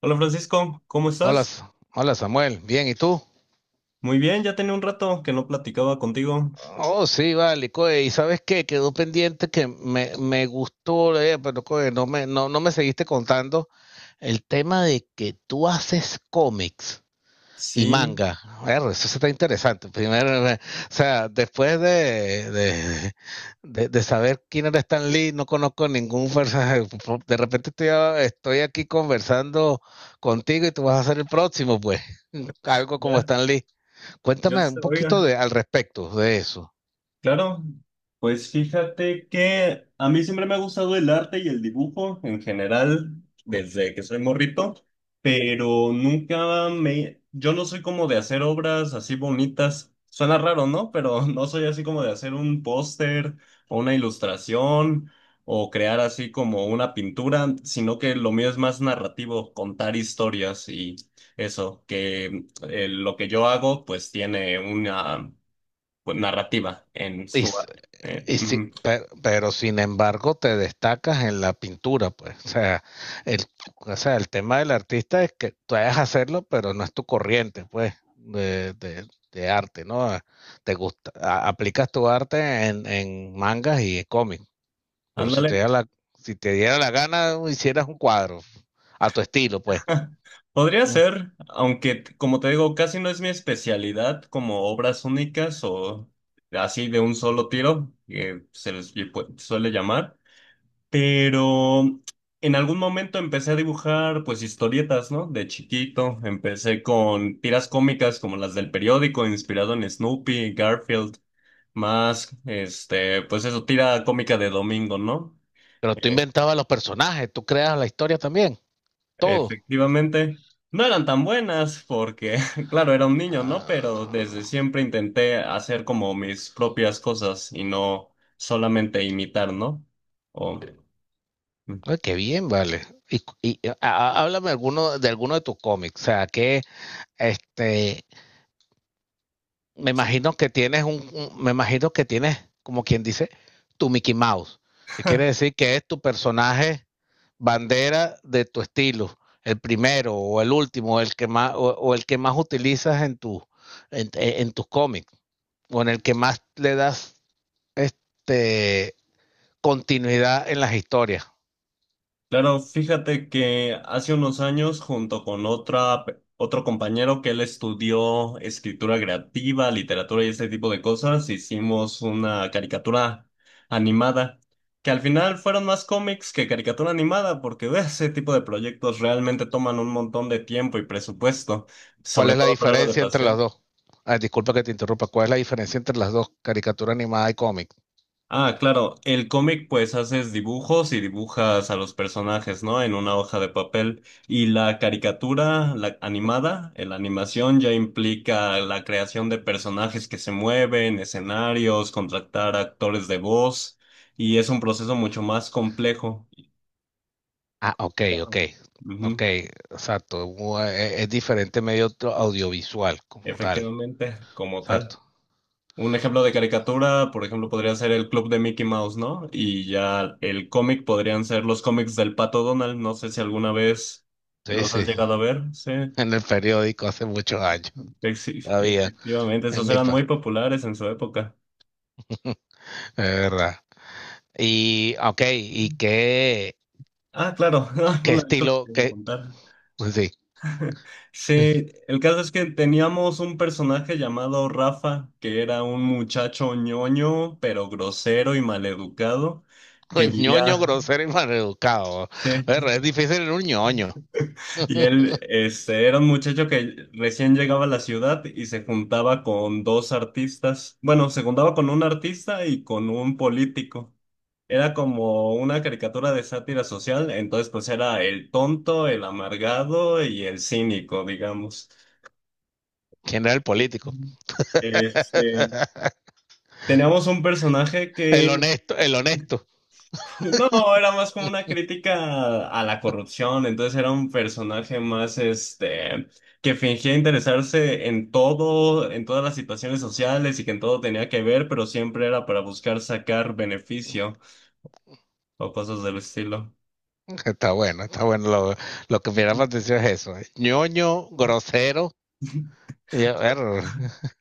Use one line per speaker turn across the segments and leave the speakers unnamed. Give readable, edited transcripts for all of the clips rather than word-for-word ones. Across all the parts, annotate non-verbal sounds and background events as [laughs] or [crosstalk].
Hola Francisco, ¿cómo
Hola,
estás?
Hola Samuel, bien, ¿y tú?
Muy bien, ya tenía un rato que no platicaba contigo.
Oh, sí, vale, coe, ¿y sabes qué? Quedó pendiente que me gustó, pero coe, no no me seguiste contando el tema de que tú haces cómics y
Sí,
manga. Ver, eso sí está interesante. Primero, o sea, después de saber quién era Stan Lee, no conozco ningún personaje. De repente estoy aquí conversando contigo y tú vas a ser el próximo, pues. [laughs] Algo como
ya,
Stan Lee. Cuéntame un poquito
oiga.
al respecto de eso.
Claro, pues fíjate que a mí siempre me ha gustado el arte y el dibujo en general desde que soy morrito, pero nunca me... Yo no soy como de hacer obras así bonitas. Suena raro, ¿no? Pero [laughs] no soy así como de hacer un póster o una ilustración o crear así como una pintura, sino que lo mío es más narrativo, contar historias y eso, que lo que yo hago pues tiene una pues, narrativa en
Y,
su...
s-
arte.
pero, sin embargo te destacas en la pintura, pues. El, o sea, el tema del artista es que tú hayas hacerlo, pero no es tu corriente, pues, de arte, ¿no? Ah, te gusta, aplicas tu arte en mangas y en cómics. Pero si te
Ándale.
diera la, si te diera la gana, hicieras un cuadro a tu estilo, pues.
[laughs] Podría
Mm.
ser, como te digo, casi no es mi especialidad como obras únicas o así de un solo tiro, que se les lle- pu- suele llamar, pero en algún momento empecé a dibujar pues historietas, ¿no? De chiquito, empecé con tiras cómicas como las del periódico, inspirado en Snoopy, Garfield, más, este, pues eso, tira cómica de domingo, ¿no?
Pero tú
Eh,
inventabas los personajes, tú creas la historia también, todo.
Efectivamente, no eran tan buenas porque, [laughs] claro, era un niño, ¿no? Pero desde
Ah,
siempre intenté hacer como mis propias cosas y no solamente imitar, ¿no? O- mm.
ay, qué bien, vale. Háblame alguno de tus cómics. O sea, que este, me imagino que tienes me imagino que tienes, como quien dice, tu Mickey Mouse. Que quiere decir que es tu personaje bandera de tu estilo, el primero o el último, el que más, o el que más utilizas en tu, en tus cómics, o en el que más le das este continuidad en las historias.
Claro, fíjate que hace unos años, junto con otro compañero que él estudió escritura creativa, literatura y ese tipo de cosas, hicimos una caricatura animada, que al final fueron más cómics que caricatura animada, porque de ese tipo de proyectos realmente toman un montón de tiempo y presupuesto,
¿Cuál
sobre
es la
todo por algo de
diferencia entre las
pasión.
dos? Ah, disculpa que te interrumpa. ¿Cuál es la diferencia entre las dos, caricatura animada y cómic?
Ah, claro, el cómic pues haces dibujos y dibujas a los personajes, ¿no? En una hoja de papel. Y la caricatura, la animada, la animación ya implica la creación de personajes que se mueven, escenarios, contratar actores de voz, y es un proceso mucho más complejo.
Ah, ok, ok, ok,
Ujú.
exacto. Es, diferente medio audiovisual como tal,
Efectivamente, como tal.
exacto.
Un ejemplo de caricatura, por ejemplo, podría ser el Club de Mickey Mouse, ¿no? Y ya el cómic podrían ser los cómics del Pato Donald. No sé si alguna vez
Sí,
los has
sí,
llegado a
[laughs]
ver. Sí,
en el periódico hace muchos años, todavía,
Efectivamente,
en
esos
mi
eran
pa,
muy populares en su época.
[laughs] es verdad. Y, ok, ¿y qué,
Ah, claro, [laughs]
qué
una cosa
estilo,
que debo
qué.
contar.
Sí.
[laughs] Sí,
[laughs]
el caso es que teníamos un personaje llamado Rafa, que era un muchacho ñoño, pero grosero y maleducado, que
Pues ñoño,
vivía...
grosero y maleducado.
Sí.
Pero es difícil en un ñoño.
Y él este, era un muchacho que recién llegaba a la ciudad y se juntaba con dos artistas. Bueno, se juntaba con un artista y con un político. Era como una caricatura de sátira social, entonces pues era el tonto, el amargado y el cínico, digamos.
¿Quién era el político?
Este,
[laughs]
teníamos un personaje
El
que...
honesto, el honesto.
No, era más como una crítica a la
[laughs]
corrupción, entonces era un personaje más este que fingía interesarse en todo, en todas las situaciones sociales y que en todo tenía que ver, pero siempre era para buscar sacar beneficio o cosas del estilo.
Está bueno, está bueno. Lo que me llama
Ujú.
la atención es eso. Eh, ñoño, grosero.
[laughs]
y- er,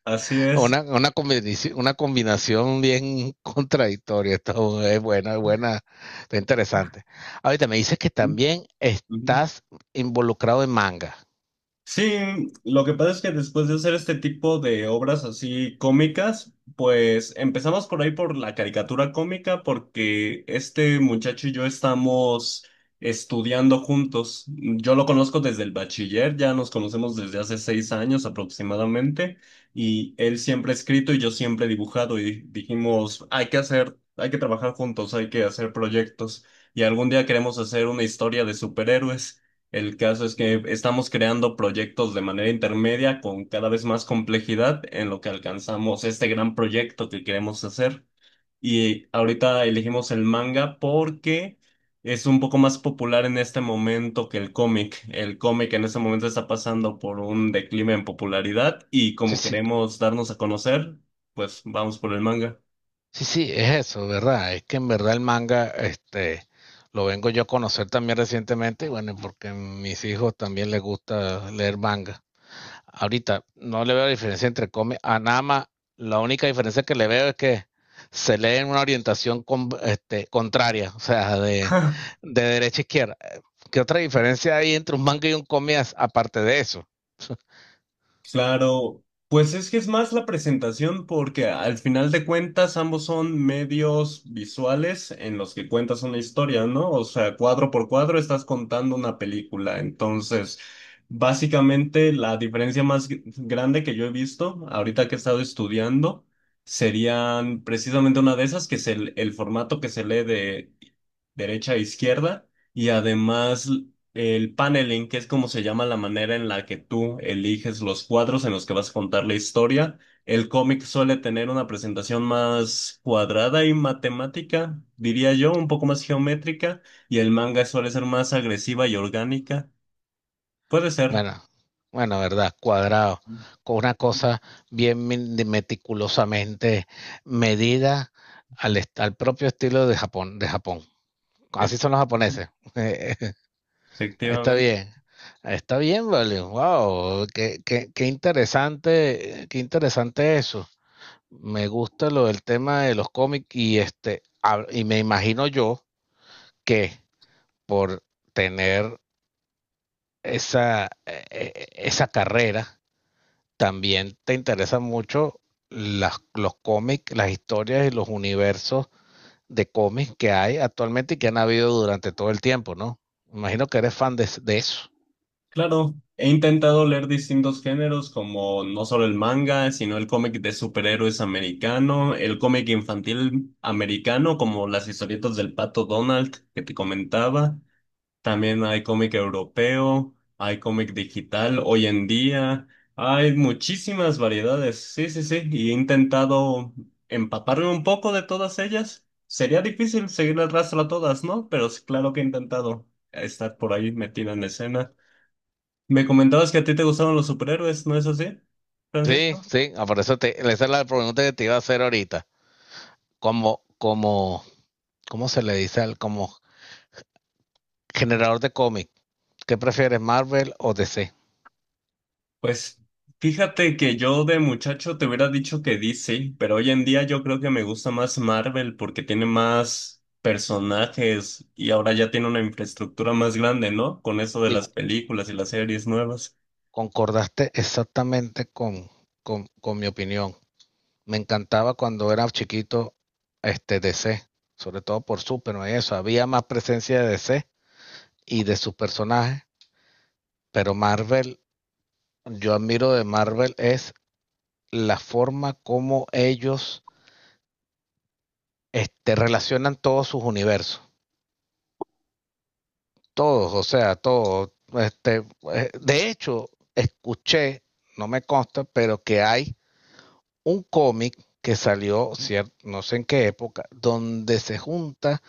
Así es.
Una, combinación, una combinación bien [laughs] contradictoria. Esto es buena, está interesante. Ahorita me dices que también
Ujú.
estás involucrado en manga.
Sí, lo que pasa es que después de hacer este tipo de obras así cómicas, pues empezamos por ahí por la caricatura cómica porque este muchacho y yo estamos estudiando juntos. Yo lo conozco desde el bachiller, ya nos conocemos desde hace 6 años aproximadamente y él siempre ha escrito y yo siempre he dibujado y dijimos, hay que hacer, hay que trabajar juntos, hay que hacer proyectos y algún día queremos hacer una historia de superhéroes. El caso es que estamos creando proyectos de manera intermedia con cada vez más complejidad en lo que alcanzamos este gran proyecto que queremos hacer. Y ahorita elegimos el manga porque es un poco más popular en este momento que el cómic. El cómic en este momento está pasando por un declive en popularidad y
Sí,
como
sí,
queremos darnos a conocer, pues vamos por el manga.
sí, sí, es eso, ¿verdad? Es que en verdad el manga, lo vengo yo a conocer también recientemente, y bueno, porque a mis hijos también les gusta leer manga. Ahorita no le veo diferencia entre Come a Nama. La única diferencia que le veo es que se lee en una orientación con, contraria, o sea,
[laughs]
derecha a izquierda. ¿Qué otra diferencia hay entre un manga y un cómic aparte de eso?
Claro, pues es que es más la presentación porque al final de cuentas ambos son medios visuales en los que cuentas una historia, ¿no? O sea, cuadro por cuadro estás contando una película. Entonces, básicamente la diferencia más grande que yo he visto ahorita que he estado estudiando serían precisamente una de esas, que es el formato que se lee de derecha a izquierda y además... El paneling, que es como se llama la manera en la que tú eliges los cuadros en los que vas a contar la historia. El cómic suele tener una presentación más cuadrada y matemática, diría yo, un poco más geométrica, y el manga suele ser más agresiva y orgánica. Puede ser,
Bueno, bueno, verdad, cuadrado, con una cosa bien meticulosamente medida al, al propio estilo de Japón, de Japón. Así son
efectivamente.
los japoneses. Eh, Está bien, está bien, vale. Wow, qué interesante eso. Me gusta lo del tema de los cómics y y me imagino yo que por tener esa, esa carrera, también te interesan mucho los cómics, las historias y los universos de cómics que hay actualmente y que han habido durante todo el tiempo, ¿no? Imagino que eres fan de eso.
Claro, he intentado leer distintos géneros como no solo el manga, sino el cómic de superhéroes americano, el cómic infantil americano como las historietas del Pato Donald que te comentaba. También hay cómic europeo, hay cómic digital hoy en día, hay muchísimas variedades. Sí, sí, sí, y he intentado empaparme un poco de todas ellas. Sería difícil seguir el rastro a todas, ¿no? Pero sí, claro que he intentado estar por ahí metida en la escena. Me comentabas que a ti te gustaban los superhéroes, ¿no es así,
Sí,
Francisco?
sí, ah, por eso te, esa es la pregunta que te iba a hacer ahorita. Como, como, ¿Cómo se le dice al como generador de cómic? ¿Qué prefieres, Marvel o DC?
Pues fíjate que yo de muchacho te hubiera dicho que DC, pero hoy en día yo creo que me gusta más Marvel porque tiene más personajes y ahora ya tiene una infraestructura más grande, ¿no? Con eso de
Y
las películas y las series nuevas.
concordaste exactamente con mi opinión. Me encantaba cuando era chiquito este DC, sobre todo por Superman y eso. Había más presencia de DC y de sus personajes, pero Marvel, yo admiro de Marvel es la forma como ellos relacionan todos sus universos. Todos, o sea, todos. De hecho, escuché, no me consta, pero que hay un cómic que salió, no sé en qué época, donde se junta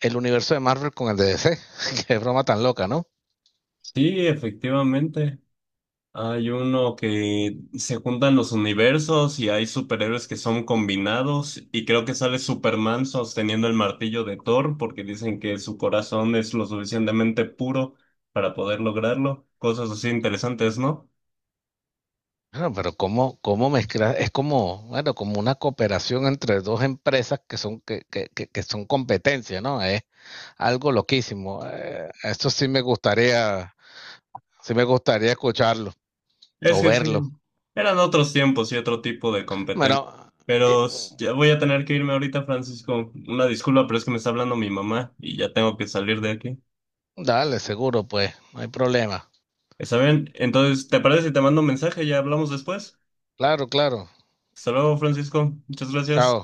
el universo de Marvel con el de DC. [laughs] Qué broma tan loca, ¿no?
Sí, efectivamente. Hay uno que se juntan los universos y hay superhéroes que son combinados y creo que sale Superman sosteniendo el martillo de Thor porque dicen que su corazón es lo suficientemente puro para poder lograrlo. Cosas así interesantes, ¿no?
Bueno, pero cómo, cómo mezclar, es como, bueno, como una cooperación entre dos empresas que son, que son competencia, ¿no? Es algo loquísimo. Esto sí me gustaría, sí me gustaría escucharlo
Es
o
que
verlo.
sí, eran otros tiempos y otro tipo de competencia.
Bueno, eh,
Ya voy a tener que irme ahorita, Francisco. Una disculpa, pero es que me está hablando mi mamá y ya tengo que salir de aquí.
dale, seguro, pues, no hay problema.
¿Está bien? Entonces, ¿te parece si te mando un mensaje? Ya hablamos después.
Claro, claro.
Hasta luego, Francisco. Muchas gracias.
Chao.